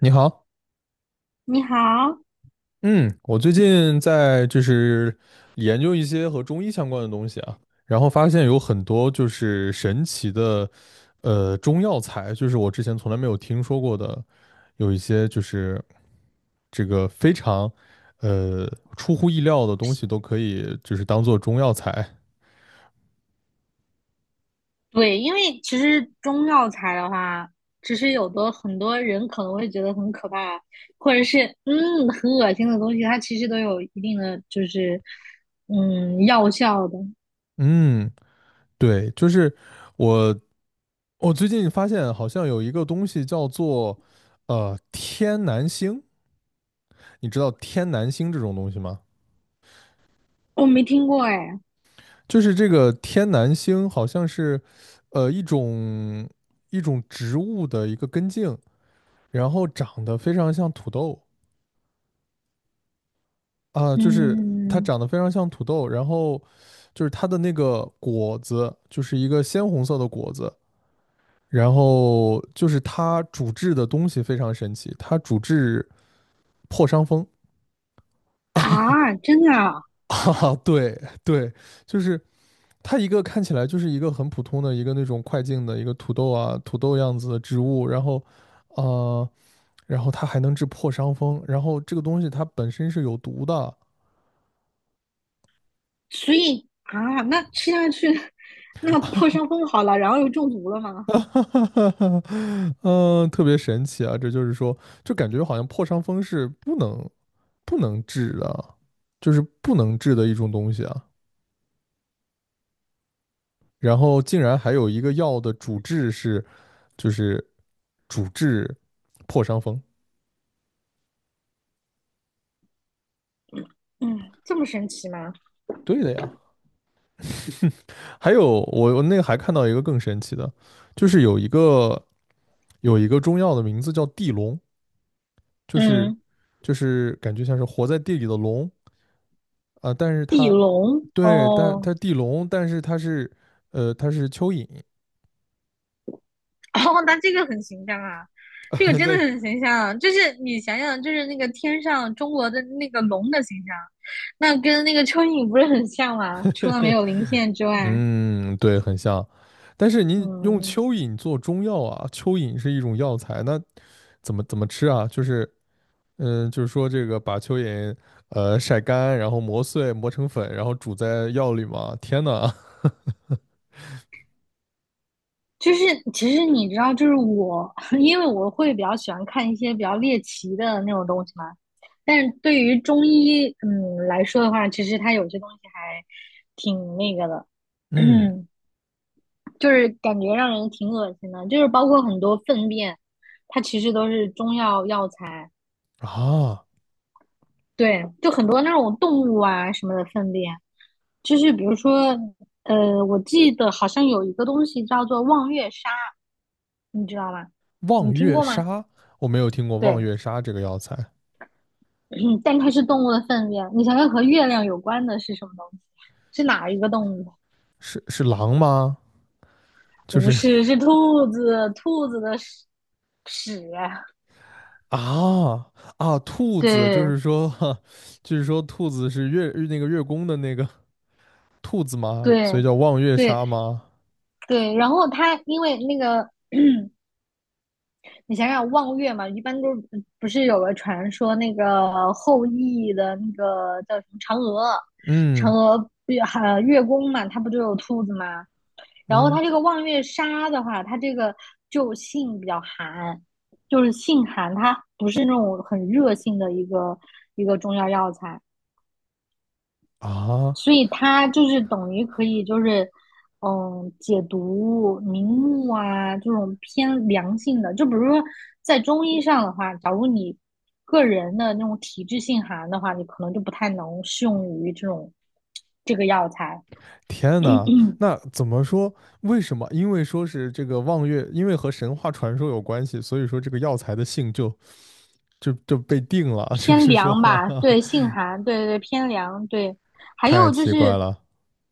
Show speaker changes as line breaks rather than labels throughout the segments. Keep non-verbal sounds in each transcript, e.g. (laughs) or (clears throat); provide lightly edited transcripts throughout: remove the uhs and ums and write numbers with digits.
你好。
你好。
嗯，我最近在就是研究一些和中医相关的东西啊，然后发现有很多就是神奇的，中药材，就是我之前从来没有听说过的，有一些就是这个非常，呃，出乎意料的东西都可以就是当做中药材。
对，因为其实中药材的话，其实有的很多人可能会觉得很可怕，或者是很恶心的东西，它其实都有一定的就是药效的。
嗯，对，就是我我最近发现好像有一个东西叫做，天南星。你知道天南星这种东西吗？
我没听过哎。
就是这个天南星好像是，呃，一种一种植物的一个根茎，然后长得非常像土豆啊、就是它
嗯
长得非常像土豆，然后就是它的那个果子就是一个鲜红色的果子，然后就是它主治的东西非常神奇，它主治破伤风。
啊，真的啊。
(laughs) 哈哈，对对，就是它一个看起来就是一个很普通的一个那种快进的一个土豆啊，土豆样子的植物，呃，然后，它还能治破伤风，然后这个东西它本身是有毒的。
所以啊，那吃下去 (laughs) 那个破伤风好了，然后又中毒了吗？
(laughs) 哈哈哈哈，特别神奇啊！这就是说，就感觉好像破伤风是不能治的，就是不能治的一种东西啊。然后竟然还有一个药的主治是就是主治破伤风。
嗯，这么神奇吗？
对的呀，还有我那个还看到一个更神奇的，就是有一个中药的名字叫地龙，就是
嗯，
就是感觉像是活在地里的龙啊、但是
地
它
龙
对，但
哦。
它地龙，但是它是它是蚯蚓。
(laughs) 哦，那这个很形象啊，这个
(laughs)
真的
在
很形象啊。就是你想想，就是那个天上中国的那个龙的形象，那跟那个蚯蚓不是很像吗？除了没有鳞片之外，
嗯对很像，但是您用
嗯，
蚯蚓做中药啊，蚯蚓是一种药材，那怎么吃啊？就是说这个把蚯蚓晒干，然后磨碎磨成粉，然后煮在药里嘛，天呐！(laughs)
就是其实你知道，就是我，(laughs) 因为我会比较喜欢看一些比较猎奇的那种东西嘛。但是对于中医，来说的话，其实它有些东西还挺那个的。
嗯
(clears throat) 就是感觉让人挺恶心的，就是包括很多粪便，它其实都是中药药材。
啊，
对，就很多那种动物啊什么的粪便，就是比如说，我记得好像有一个东西叫做望月沙，你知道吗？你
望
听
月
过吗？
沙，我没有听过望
对，
月沙这个药材，
(clears throat) 嗯但它是动物的粪便，你想想和月亮有关的是什么东西？是哪一个动物？
是狼吗？就
不
是
是，
(laughs)
是兔子，兔子的屎，屎。
啊啊，兔子，就
对
是说，(laughs) 就是说兔子是月那个月宫的那个 (laughs) 兔子吗？所以
对
叫望月
对，
沙吗？
对，然后他因为那个，你想想望月嘛，一般都不是有个传说，那个后羿的那个叫什么嫦娥，嫦
嗯
娥月还月宫嘛，它不就有兔子嘛？然后
嗯
它这个望月杀的话，它这个就性比较寒，就是性寒，它不是那种很热性的一个中药药材，
啊，
所以它就是等于可以，就是嗯，解毒明目啊，这种偏凉性的。就比如说在中医上的话，假如你个人的那种体质性寒的话，你可能就不太能适用于这种这个药材。
天呐，
嗯，
那怎么说？为什么？因为说是这个望月，因为和神话传说有关系，所以说这个药材的性就被定了。(laughs) 就
偏
是说，(laughs)
凉
哈
吧，
哈，
对，性寒，对对对，偏凉，对。还
太
有就
奇怪
是，
了。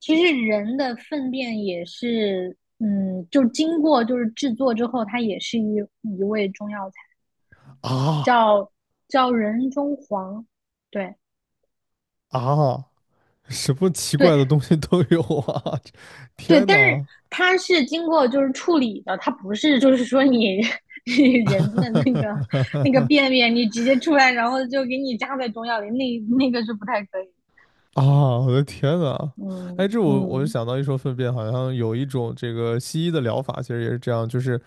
其实人的粪便也是，嗯，就经过就是制作之后，它也是一味中药材。
啊
叫人中黄，对
啊，什么奇
对
怪的东西都有啊！(laughs)
对，
天
但是
哪！
它是经过就是处理的，它不是就是说你 (laughs) 你人的那个
(laughs)
便便你直接出来，然后就给你加在中药里，那那个是不太可以。
(laughs) 啊，我的天呐！哎，
嗯
这我就
嗯，
想到一说粪便，好像有一种这个西医的疗法，其实也是这样，就是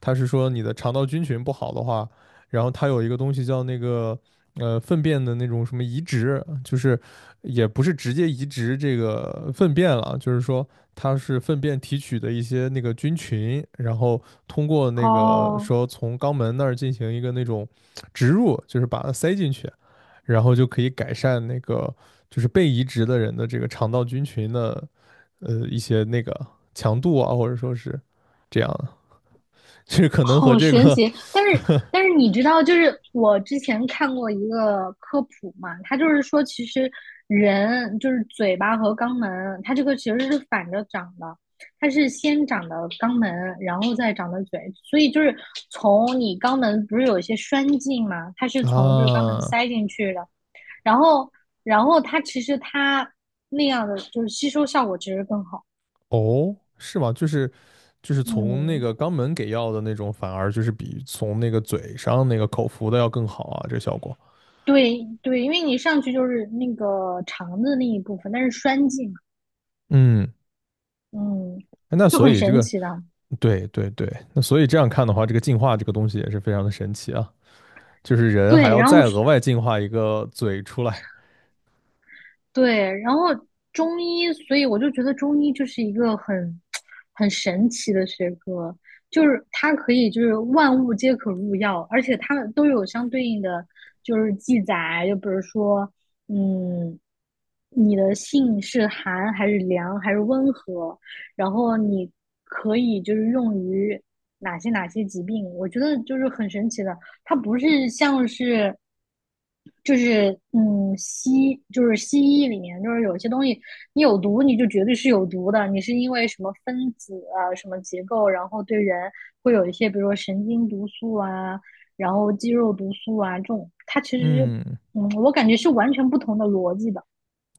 它是说你的肠道菌群不好的话，然后它有一个东西叫那个粪便的那种什么移植，就是也不是直接移植这个粪便了，就是说它是粪便提取的一些那个菌群，然后通过那个
哦
说从肛门那儿进行一个那种植入，就是把它塞进去，然后就可以改善那个。就是被移植的人的这个肠道菌群的一些那个强度啊，或者说是这样的，就是可能和
好
这
神
个
奇！但是
(laughs)
但是你知道，就是我之前看过一个科普嘛，它就是说，其实人就是嘴巴和肛门，它这个其实是反着长的，它是先长的肛门，然后再长的嘴，所以就是从你肛门不是有一些栓进嘛，它是从就是肛门
啊
塞进去的，然后它其实它那样的就是吸收效果其实更好，
哦，是吗？就是从那
嗯。
个肛门给药的那种，反而就是比从那个嘴上那个口服的要更好啊，这个效果。
对对，因为你上去就是那个肠子那一部分，但是栓剂嘛，
嗯，
嗯，
哎那
就
所
很
以这
神
个
奇的。
对对对，那所以这样看的话，这个进化这个东西也是非常的神奇啊，就是人还
对，
要
然后
再额外进化一个嘴出来。
对，然后中医，所以我就觉得中医就是一个很神奇的学科，就是它可以就是万物皆可入药，而且它们都有相对应的就是记载，就比如说，嗯，你的性是寒还是凉还是温和，然后你可以就是用于哪些疾病，我觉得就是很神奇的。它不是像是，就是嗯西就是西医里面就是有些东西你有毒你就绝对是有毒的，你是因为什么分子啊什么结构，然后对人会有一些比如说神经毒素啊，然后肌肉毒素啊这种，它其实
嗯，
我感觉是完全不同的逻辑的，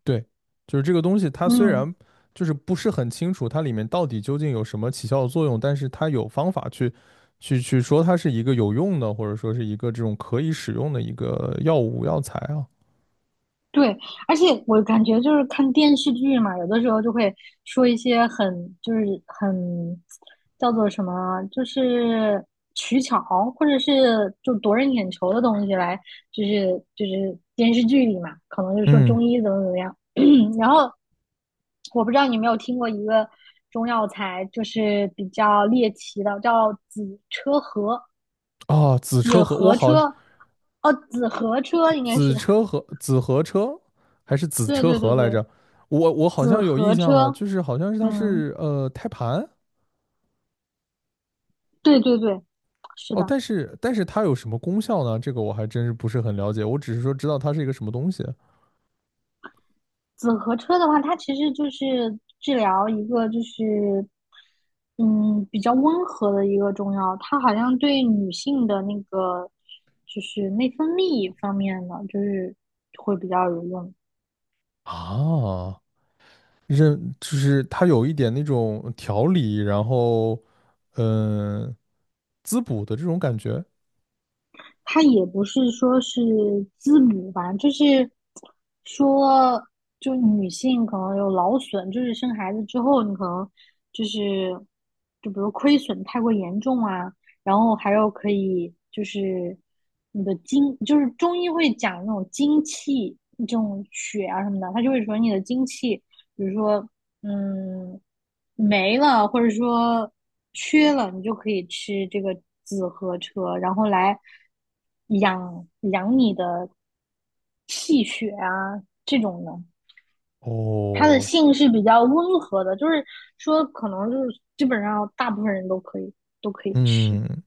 对，就是这个东西，它虽
嗯。
然就是不是很清楚它里面到底究竟有什么起效的作用，但是它有方法去说它是一个有用的，或者说是一个这种可以使用的一个药物药材啊。
对，而且我感觉就是看电视剧嘛，有的时候就会说一些很就是很叫做什么啊，就是取巧或者是就夺人眼球的东西来，就是电视剧里嘛，可能就说
嗯，
中医怎么怎么样。(clears throat) 然后我不知道你有没有听过一个中药材，就是比较猎奇的，叫紫车河，
啊，子车
紫
和我
河
好，
车。哦，紫河车应该是，
子
(laughs)
车和子和车还是子
对
车
对对
和来
对，
着？我好
紫
像有印
河
象
车。
呢，就是好像是它
嗯，
是胎盘
对对对，是
哦，
的。
但是它有什么功效呢？这个我还真是不是很了解，我只是说知道它是一个什么东西。
紫河车的话，它其实就是治疗一个就是，嗯，比较温和的一个中药，它好像对女性的那个就是内分泌方面的，就是会比较有用。
啊，认就是它有一点那种调理，然后嗯、呃滋补的这种感觉。
他也不是说是滋补吧，就是说，就女性可能有劳损，就是生孩子之后，你可能就是就比如亏损太过严重啊，然后还有可以就是你的精，就是中医会讲那种精气这种血啊什么的，他就会说你的精气比如说，嗯，没了，或者说缺了，你就可以吃这个紫河车，然后来养养你的气血啊，这种的。它的
哦，
性是比较温和的，就是说可能就是基本上大部分人都可以吃。
嗯，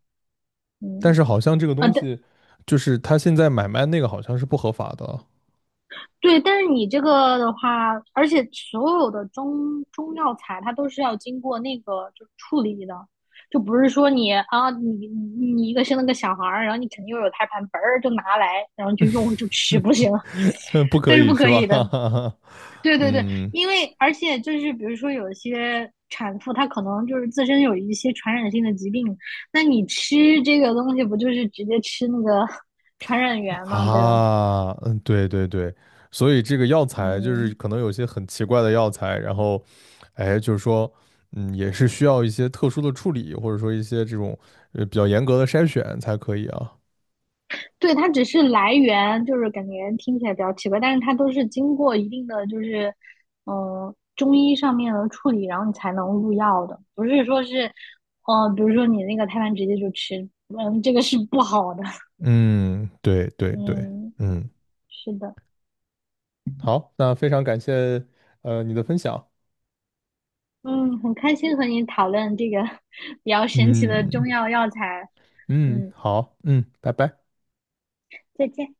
但
嗯
是好像这个
啊，
东
对，
西就是他现在买卖那个好像是不合法的。
对，但是你这个的话，而且所有的中药材它都是要经过那个就处理的，就不是说你啊，你一个生了个小孩儿，然后你肯定又有胎盘，嘣儿就拿来，然后就用就吃，不行，
(laughs) 不
它
可
是
以
不
是
可以的。
吧？(laughs)
对对对，
嗯
因为而且就是比如说有些产妇她可能就是自身有一些传染性的疾病，那你吃这个东西不就是直接吃那个 (laughs) 传染源嘛，对吧？
啊，嗯，对对对，所以这个药材就是
嗯。
可能有些很奇怪的药材，然后哎，就是说。嗯，也是需要一些特殊的处理，或者说一些这种比较严格的筛选才可以啊。
对，它只是来源，就是感觉听起来比较奇怪，但是它都是经过一定的就是，中医上面的处理，然后你才能入药的，不是说是，比如说你那个胎盘直接就吃，嗯，这个是不好的，
嗯，对对对，
嗯，
嗯，
是的，
好，那非常感谢你的分享。
嗯，很开心和你讨论这个 (laughs) 比较神奇的
嗯
中药药材，
嗯，
嗯，
好，嗯，拜拜。
再见。